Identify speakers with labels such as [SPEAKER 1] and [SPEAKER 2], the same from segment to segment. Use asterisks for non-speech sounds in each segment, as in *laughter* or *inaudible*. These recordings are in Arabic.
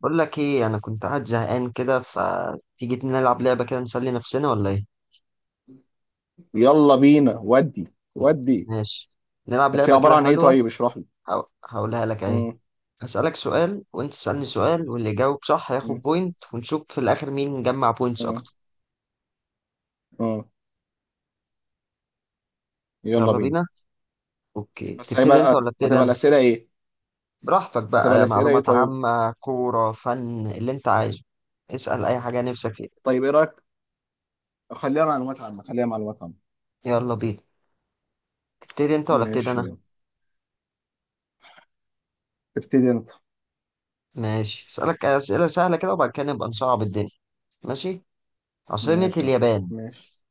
[SPEAKER 1] بقول لك ايه، انا كنت قاعد زهقان كده. فتيجي نلعب لعبه كده نسلي نفسنا ولا ايه؟
[SPEAKER 2] يلا بينا ودي.
[SPEAKER 1] ماشي، نلعب
[SPEAKER 2] بس هي
[SPEAKER 1] لعبه
[SPEAKER 2] عبارة
[SPEAKER 1] كده
[SPEAKER 2] عن ايه؟
[SPEAKER 1] حلوه.
[SPEAKER 2] طيب اشرح لي.
[SPEAKER 1] هقولها لك اهي.
[SPEAKER 2] مم،
[SPEAKER 1] هسألك سؤال وانت تسألني سؤال، واللي يجاوب صح هياخد
[SPEAKER 2] مم،
[SPEAKER 1] بوينت، ونشوف في الاخر مين جمع بوينتس
[SPEAKER 2] مم،
[SPEAKER 1] اكتر.
[SPEAKER 2] مم. يلا
[SPEAKER 1] يلا
[SPEAKER 2] بينا.
[SPEAKER 1] بينا. اوكي،
[SPEAKER 2] بس
[SPEAKER 1] تبتدي انت
[SPEAKER 2] هيبقى
[SPEAKER 1] ولا ابتدي
[SPEAKER 2] هتبقى
[SPEAKER 1] انا؟
[SPEAKER 2] الأسئلة ايه؟
[SPEAKER 1] براحتك
[SPEAKER 2] هتبقى
[SPEAKER 1] بقى،
[SPEAKER 2] الأسئلة ايه
[SPEAKER 1] معلومات
[SPEAKER 2] طيب؟
[SPEAKER 1] عامه، كوره، فن، اللي انت عايزه. اسأل اي حاجه نفسك فيها.
[SPEAKER 2] طيب ايه رأيك، خليها معلومات عامة، خليها معلومات عامة.
[SPEAKER 1] يلا بينا، تبتدي انت ولا ابتدي
[SPEAKER 2] ماشي
[SPEAKER 1] انا؟
[SPEAKER 2] يلا. ابتدي انت.
[SPEAKER 1] ماشي، هسألك اسئله سهله كده وبعد كده نبقى نصعب الدنيا. ماشي، عاصمة
[SPEAKER 2] ماشي يا صاحبي
[SPEAKER 1] اليابان.
[SPEAKER 2] ماشي.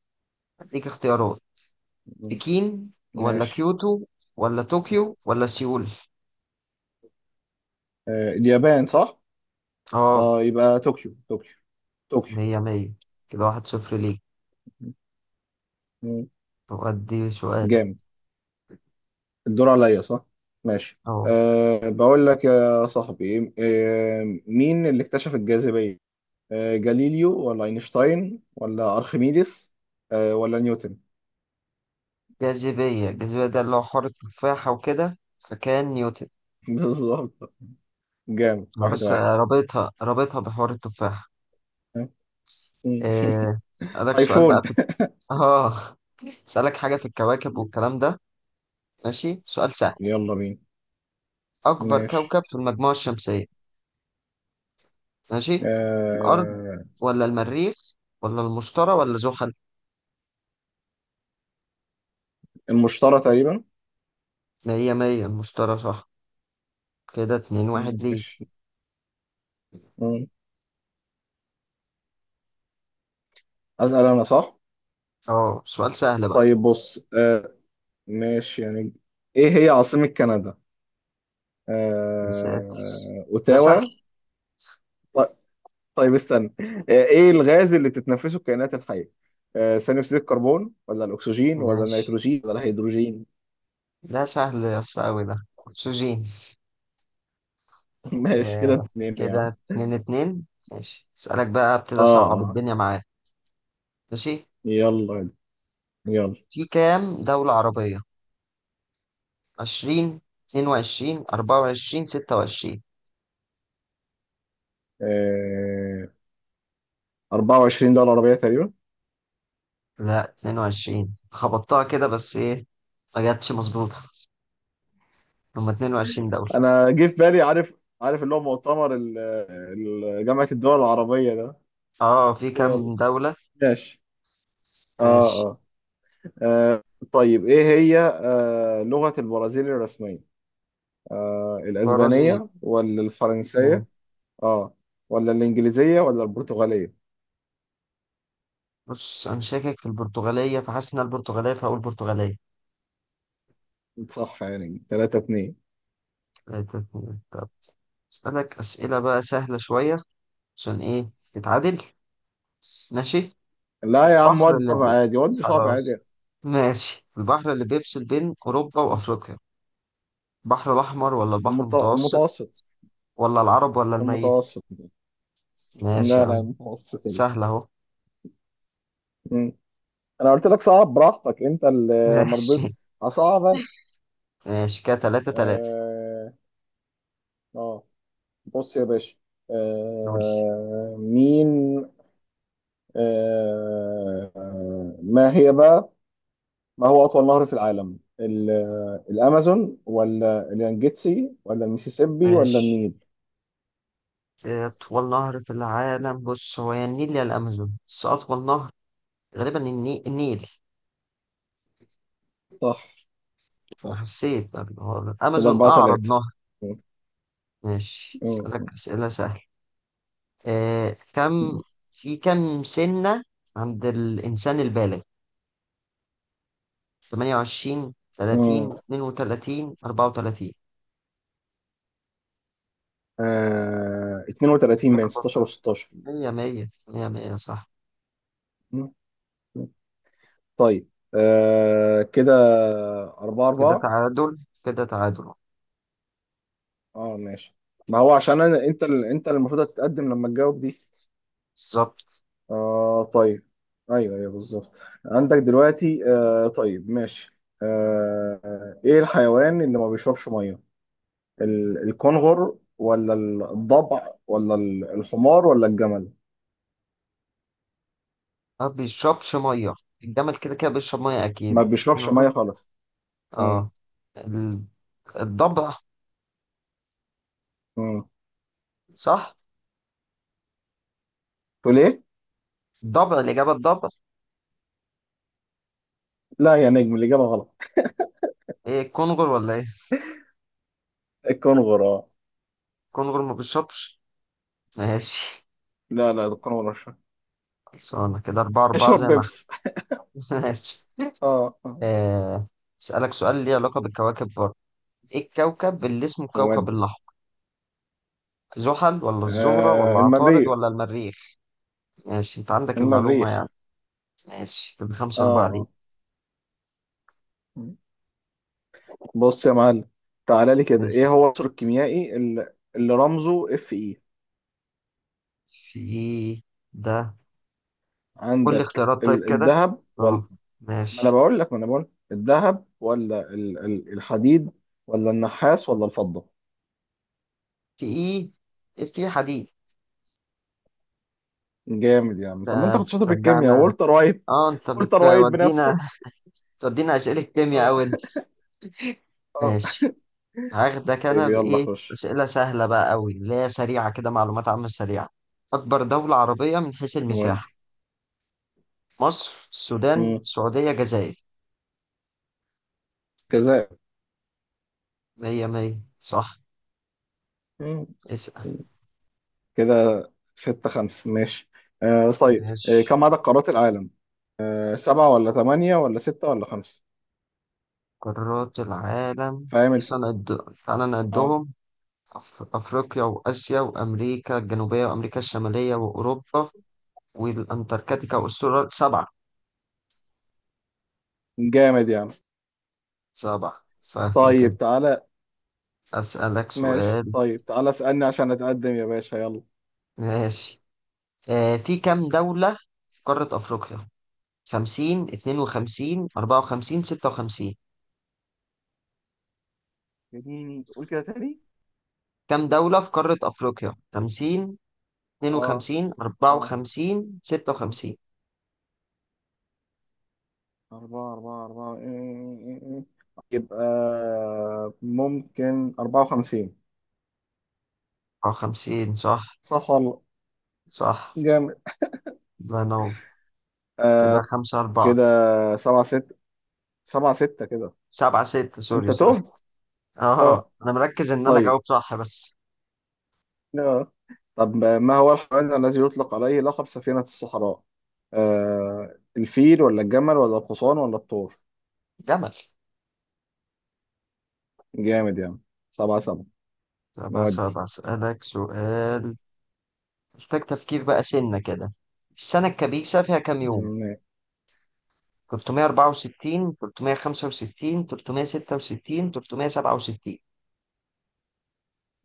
[SPEAKER 1] اديك اختيارات:
[SPEAKER 2] مم،
[SPEAKER 1] بكين ولا
[SPEAKER 2] ماشي.
[SPEAKER 1] كيوتو ولا طوكيو ولا سيول؟
[SPEAKER 2] آه، اليابان صح.
[SPEAKER 1] اه،
[SPEAKER 2] اه يبقى طوكيو، طوكيو، طوكيو.
[SPEAKER 1] مية مية، كده واحد صفر ليك.
[SPEAKER 2] مم،
[SPEAKER 1] طب ادي سؤال.
[SPEAKER 2] جامد. الدور عليا صح؟ ماشي.
[SPEAKER 1] اه،
[SPEAKER 2] أه بقول لك يا صاحبي، أه مين اللي اكتشف الجاذبية؟ آه، جاليليو ولا اينشتاين ولا ارخميدس، آه، ولا نيوتن؟
[SPEAKER 1] الجاذبية ده اللي هو حوار التفاحة وكده، فكان نيوتن.
[SPEAKER 2] *laughs* بالظبط، جامد.
[SPEAKER 1] انا
[SPEAKER 2] واحد
[SPEAKER 1] بس
[SPEAKER 2] واحد.
[SPEAKER 1] رابطها بحوار التفاحة.
[SPEAKER 2] مم. *laughs*
[SPEAKER 1] آه، اسألك سؤال
[SPEAKER 2] ايفون.
[SPEAKER 1] بقى في، اه، *laughs* اسألك حاجة في الكواكب والكلام ده. ماشي، سؤال سهل:
[SPEAKER 2] يلا بينا.
[SPEAKER 1] أكبر
[SPEAKER 2] ماشي.
[SPEAKER 1] كوكب في المجموعة الشمسية؟ ماشي، الأرض
[SPEAKER 2] آه
[SPEAKER 1] ولا المريخ ولا المشتري ولا زحل؟
[SPEAKER 2] المشترى تقريبا.
[SPEAKER 1] مية مية، المشتري صح. كده اتنين واحد ليه.
[SPEAKER 2] ماشي. مم. اسال انا صح؟
[SPEAKER 1] اه، سؤال سهل بقى.
[SPEAKER 2] طيب بص، آه ماشي يعني، ايه هي عاصمة كندا؟
[SPEAKER 1] يا ساتر،
[SPEAKER 2] آه
[SPEAKER 1] ده سهل.
[SPEAKER 2] اوتاوا. ط- طيب استنى. آه، ايه الغاز اللي بتتنفسه الكائنات الحية؟ آه، ثاني اكسيد الكربون ولا الاكسجين ولا
[SPEAKER 1] ماشي،
[SPEAKER 2] النيتروجين ولا الهيدروجين؟
[SPEAKER 1] ده سهل يا اسطى، أوي ده. أكسجين.
[SPEAKER 2] *laughs* ماشي، كده
[SPEAKER 1] آه،
[SPEAKER 2] اتنين يا
[SPEAKER 1] كده
[SPEAKER 2] عم.
[SPEAKER 1] اتنين اتنين. ماشي، اسألك بقى، ابتدي
[SPEAKER 2] اه
[SPEAKER 1] أصعب
[SPEAKER 2] اه.
[SPEAKER 1] الدنيا معاك. ماشي،
[SPEAKER 2] يلا. يلا.
[SPEAKER 1] في كام دولة عربية؟ عشرين، اتنين وعشرين، أربعة وعشرين، ستة وعشرين؟
[SPEAKER 2] آه 24 دولة عربية تقريبا.
[SPEAKER 1] لا، اتنين وعشرين خبطتها كده، بس ايه، ما جاتش مظبوطة. هما 22 دولة.
[SPEAKER 2] انا جه في بالي، عارف، عارف اللي هو مؤتمر جامعة الدول العربية ده.
[SPEAKER 1] اه، في
[SPEAKER 2] يلا.
[SPEAKER 1] كام دولة.
[SPEAKER 2] ماشي. اه
[SPEAKER 1] ماشي،
[SPEAKER 2] اه، آه طيب، ايه هي آه لغة البرازيل الرسمية؟ آه
[SPEAKER 1] برازيل.
[SPEAKER 2] الاسبانية ولا
[SPEAKER 1] مم.
[SPEAKER 2] الفرنسية، اه، ولا الانجليزية ولا البرتغالية؟
[SPEAKER 1] بص، انا شاكك في البرتغالية، فحاسس ان البرتغالية، فهقول برتغالية.
[SPEAKER 2] صح، يعني 3 2.
[SPEAKER 1] تلاتة، اتنين. طب اسألك اسئلة بقى سهلة شوية، عشان ايه تتعادل. ماشي،
[SPEAKER 2] لا يا عم
[SPEAKER 1] البحر
[SPEAKER 2] ودي
[SPEAKER 1] اللي
[SPEAKER 2] صعب
[SPEAKER 1] بي...
[SPEAKER 2] عادي، ودي صعب
[SPEAKER 1] خلاص،
[SPEAKER 2] عادي.
[SPEAKER 1] ماشي، البحر اللي بيفصل بين اوروبا وافريقيا، البحر الاحمر ولا البحر المتوسط
[SPEAKER 2] المتوسط.
[SPEAKER 1] ولا العرب ولا الميت؟
[SPEAKER 2] المتوسط.
[SPEAKER 1] ماشي يا
[SPEAKER 2] لا لا،
[SPEAKER 1] عم،
[SPEAKER 2] المتوسط يعني.
[SPEAKER 1] سهلة اهو.
[SPEAKER 2] مم. انا قلت لك صعب، براحتك انت
[SPEAKER 1] *laughs*
[SPEAKER 2] اللي ما رضيتش.
[SPEAKER 1] ماشي.
[SPEAKER 2] هصعب انا.
[SPEAKER 1] ماشي، كده تلاتة تلاتة.
[SPEAKER 2] اه آه. بص يا باشا،
[SPEAKER 1] نقول،
[SPEAKER 2] آه مين. آه ما هي بقى، ما هو اطول نهر في العالم؟ الامازون ولا اليانجيتسي ولا الميسيسيبي ولا
[SPEAKER 1] ماشي،
[SPEAKER 2] النيل؟
[SPEAKER 1] أطول نهر في العالم. بص، هو يا النيل يا الأمازون، بس أطول نهر غالبا النيل.
[SPEAKER 2] صح.
[SPEAKER 1] أنا
[SPEAKER 2] صح.
[SPEAKER 1] حسيت بقى هو
[SPEAKER 2] كده
[SPEAKER 1] الأمازون
[SPEAKER 2] أربعة
[SPEAKER 1] أعرض
[SPEAKER 2] ثلاثة.
[SPEAKER 1] نهر. ماشي، أسألك أسئلة سهلة. آه، كم، في كم سنة عند الإنسان البالغ؟ 28،
[SPEAKER 2] امم
[SPEAKER 1] 30، 32، 34؟
[SPEAKER 2] 32 بين
[SPEAKER 1] اخبط ده.
[SPEAKER 2] 16
[SPEAKER 1] 100 100 100 100، صح،
[SPEAKER 2] و16. طيب آه كده أربعة
[SPEAKER 1] كده
[SPEAKER 2] أربعة.
[SPEAKER 1] تعادل، كده تعادل.
[SPEAKER 2] اه ماشي. ما هو عشان أنا، أنت أنت اللي المفروض هتتقدم لما تجاوب دي.
[SPEAKER 1] بالظبط،
[SPEAKER 2] آه طيب، أيوه أيوه بالظبط، عندك دلوقتي. آه طيب ماشي، آه آه، إيه الحيوان اللي ما بيشربش مية؟ الكنغر ولا الضبع ولا الحمار ولا الجمل؟
[SPEAKER 1] ما بيشربش مية. الجمل كده كده بيشرب مية أكيد.
[SPEAKER 2] ما
[SPEAKER 1] أنا
[SPEAKER 2] بيشربش مية
[SPEAKER 1] شفت.
[SPEAKER 2] خالص. امم
[SPEAKER 1] اه، الضبع
[SPEAKER 2] امم
[SPEAKER 1] صح.
[SPEAKER 2] تقول إيه؟
[SPEAKER 1] الضبع الإجابة، الضبع.
[SPEAKER 2] لا يا نجم، الإجابة غلط.
[SPEAKER 1] ايه، الكونغر ولا ايه؟
[SPEAKER 2] الكنغر اه.
[SPEAKER 1] الكونغر ما بيشربش. ماشي،
[SPEAKER 2] لا لا، الكنغر مش-
[SPEAKER 1] خلصانة كده أربعة أربعة،
[SPEAKER 2] يشرب
[SPEAKER 1] زي ما
[SPEAKER 2] بيبس.
[SPEAKER 1] احنا. *laughs* ماشي.
[SPEAKER 2] اه آه.
[SPEAKER 1] آه، أسألك سؤال ليه علاقة بالكواكب برضه: ايه الكوكب اللي اسمه الكوكب
[SPEAKER 2] نودي.
[SPEAKER 1] الأحمر؟ زحل ولا الزهرة ولا
[SPEAKER 2] آه
[SPEAKER 1] عطارد
[SPEAKER 2] المريخ.
[SPEAKER 1] ولا المريخ؟ ماشي، انت عندك المعلومة يعني.
[SPEAKER 2] المريخ.
[SPEAKER 1] ماشي، كده خمسة أربعة ليه.
[SPEAKER 2] اه بص يا معلم، تعالى لي كده،
[SPEAKER 1] نسأل،
[SPEAKER 2] ايه هو العنصر الكيميائي اللي رمزه اف اي؟
[SPEAKER 1] في ايه ده؟ قول لي
[SPEAKER 2] عندك
[SPEAKER 1] اختيارات طيب كده.
[SPEAKER 2] الذهب ولا،
[SPEAKER 1] اه،
[SPEAKER 2] ما انا
[SPEAKER 1] ماشي،
[SPEAKER 2] بقول لك، ما انا بقول لك. الذهب ولا الحديد ولا النحاس ولا الفضة؟
[SPEAKER 1] في ايه، في حديد.
[SPEAKER 2] جامد يا عم. طب ما
[SPEAKER 1] ده
[SPEAKER 2] انت كنت شاطر في الكيمياء،
[SPEAKER 1] بترجعنا،
[SPEAKER 2] والتر وايت،
[SPEAKER 1] اه انت
[SPEAKER 2] والتر وايت
[SPEAKER 1] بتودينا،
[SPEAKER 2] بنفسه.
[SPEAKER 1] بتودينا اسئله كيمياء
[SPEAKER 2] اه.
[SPEAKER 1] اوي انت.
[SPEAKER 2] اه.
[SPEAKER 1] ماشي، هاخدك
[SPEAKER 2] طيب
[SPEAKER 1] انا
[SPEAKER 2] يلا
[SPEAKER 1] بايه.
[SPEAKER 2] خش.
[SPEAKER 1] اسئله سهله بقى اوي اللي هي سريعه كده، معلومات عامه سريعه. اكبر دوله عربيه من حيث
[SPEAKER 2] نودي.
[SPEAKER 1] المساحه: مصر، السودان،
[SPEAKER 2] مم.
[SPEAKER 1] سعوديه، جزائر؟
[SPEAKER 2] كذا.
[SPEAKER 1] مية مية صح.
[SPEAKER 2] مم.
[SPEAKER 1] اسأل.
[SPEAKER 2] كده ستة خمسة. ماشي. آه طيب، آه
[SPEAKER 1] ماشي،
[SPEAKER 2] كم عدد قارات العالم؟ آه سبعة ولا ثمانية ولا ستة ولا خمسة؟
[SPEAKER 1] قارات العالم.
[SPEAKER 2] فاهم
[SPEAKER 1] بس أنا تعالى
[SPEAKER 2] اه.
[SPEAKER 1] نعدهم: أفريقيا، وآسيا، وأمريكا الجنوبية، وأمريكا الشمالية، وأوروبا، والأنتاركتيكا، وأستراليا. سبعة.
[SPEAKER 2] جامد يعني.
[SPEAKER 1] سبعة سهلة كده.
[SPEAKER 2] طيب تعالى.
[SPEAKER 1] أسألك
[SPEAKER 2] ماشي
[SPEAKER 1] سؤال.
[SPEAKER 2] طيب، تعالى اسألني عشان اتقدم يا باشا، يلا.
[SPEAKER 1] ماشي، آه، في كام دولة في قارة أفريقيا؟ 50، 52، 54، 56؟
[SPEAKER 2] اديني قول كده تاني.
[SPEAKER 1] كام دولة في قارة أفريقيا؟ 50،
[SPEAKER 2] اه.
[SPEAKER 1] 52،
[SPEAKER 2] اه.
[SPEAKER 1] 54،
[SPEAKER 2] آه.
[SPEAKER 1] 56؟
[SPEAKER 2] أربعة أربعة أربعة إيه. إيه، إيه، إيه. يبقى ممكن أربعة وخمسين.
[SPEAKER 1] أو 50 صح.
[SPEAKER 2] صح والله.
[SPEAKER 1] صح،
[SPEAKER 2] جامد.
[SPEAKER 1] الله ينور. كده
[SPEAKER 2] آه
[SPEAKER 1] 5 4.
[SPEAKER 2] كده سبعة ستة. سبعة ستة كده.
[SPEAKER 1] 7 6، سوري
[SPEAKER 2] أنت
[SPEAKER 1] سوري.
[SPEAKER 2] تهت.
[SPEAKER 1] أه،
[SPEAKER 2] اه.
[SPEAKER 1] أنا مركز إن أنا
[SPEAKER 2] طيب
[SPEAKER 1] أجاوب صح بس.
[SPEAKER 2] آه. طب ما هو الحيوان الذي يطلق عليه لقب سفينة الصحراء؟ آه الفيل ولا الجمل ولا الحصان ولا الثور؟
[SPEAKER 1] جمل.
[SPEAKER 2] جامد يعني. سبعة سبعة.
[SPEAKER 1] طب بس
[SPEAKER 2] نودي.
[SPEAKER 1] بسألك سؤال محتاج تفكير بقى، سنة كده: السنة الكبيسة فيها كام يوم؟
[SPEAKER 2] م-
[SPEAKER 1] 364، 365، 366، 367؟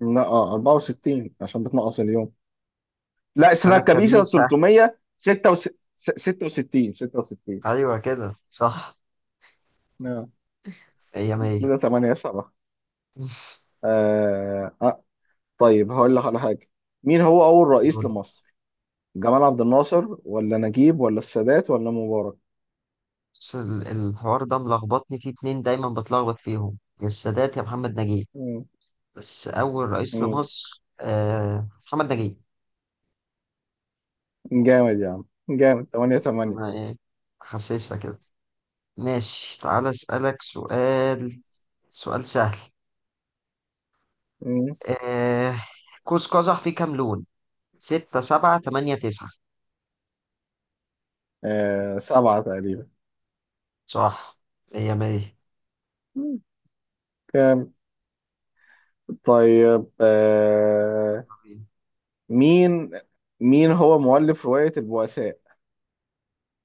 [SPEAKER 2] لا اه 64 عشان بتنقص اليوم. لا، السنة
[SPEAKER 1] السنة
[SPEAKER 2] الكبيسة
[SPEAKER 1] الكبيسة،
[SPEAKER 2] 366. 66 66.
[SPEAKER 1] أيوة كده صح.
[SPEAKER 2] آه.
[SPEAKER 1] هي مية.
[SPEAKER 2] كده 8 7. آه. آه. طيب هقول لك على حاجة، مين هو أول رئيس
[SPEAKER 1] دول،
[SPEAKER 2] لمصر؟ جمال عبد الناصر ولا نجيب ولا السادات ولا مبارك؟
[SPEAKER 1] بس الحوار ده ملخبطني فيه، اتنين دايما بتلخبط فيهم: يا السادات يا محمد نجيب. بس أول رئيس
[SPEAKER 2] مم.
[SPEAKER 1] لمصر، آه، محمد نجيب.
[SPEAKER 2] جامد يا عم. جامد. 8 8.
[SPEAKER 1] ما- إيه، حاسسها كده. ماشي، تعالى أسألك سؤال، سؤال سهل. آه، قوس قزح فيه كام لون؟ ستة، سبعة، تمانية، تسعة؟
[SPEAKER 2] آه سبعة تقريبا.
[SPEAKER 1] صح، مية مية.
[SPEAKER 2] مم. جامد. طيب آه
[SPEAKER 1] طبيعي.
[SPEAKER 2] مين، مين هو مؤلف رواية البؤساء؟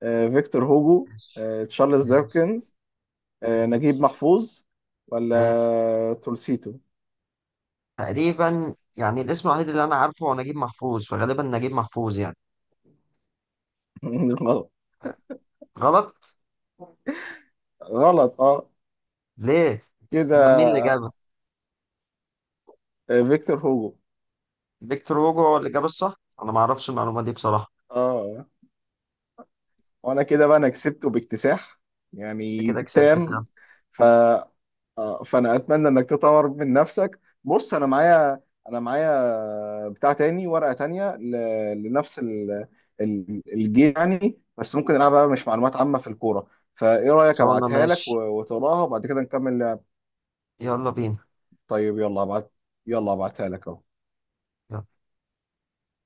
[SPEAKER 2] آه فيكتور هوجو،
[SPEAKER 1] ماشي.
[SPEAKER 2] آه تشارلز
[SPEAKER 1] ماشي.
[SPEAKER 2] ديكنز، آه نجيب
[SPEAKER 1] ماشي.
[SPEAKER 2] محفوظ،
[SPEAKER 1] ماشي.
[SPEAKER 2] ولا تولستوي؟
[SPEAKER 1] تقريبا يعني، الاسم الوحيد اللي أنا عارفه هو نجيب محفوظ، فغالبا نجيب محفوظ يعني.
[SPEAKER 2] *laughs* غلط.
[SPEAKER 1] غلط؟
[SPEAKER 2] غلط اه.
[SPEAKER 1] ليه؟ أمال
[SPEAKER 2] كده،
[SPEAKER 1] مين اللي جابه؟
[SPEAKER 2] آه فيكتور هوجو.
[SPEAKER 1] فيكتور هوجو هو اللي جاب الصح؟ أنا معرفش المعلومة دي بصراحة.
[SPEAKER 2] اه وانا كده بقى، انا كسبته باكتساح،
[SPEAKER 1] أنت
[SPEAKER 2] يعني
[SPEAKER 1] كده كسبت
[SPEAKER 2] تام.
[SPEAKER 1] فيها.
[SPEAKER 2] فا آه، فانا اتمنى انك تطور من نفسك. بص انا معايا، انا معايا بتاع تاني، ورقه تانيه لنفس الجيم يعني، بس ممكن نلعبها بقى مش معلومات عامه، في الكوره. فايه رايك
[SPEAKER 1] صورنا،
[SPEAKER 2] ابعتها
[SPEAKER 1] ماشي،
[SPEAKER 2] لك وتقراها وبعد كده نكمل لعب.
[SPEAKER 1] يلا بينا.
[SPEAKER 2] طيب يلا ابعت. يلا ابعتها لك اهو.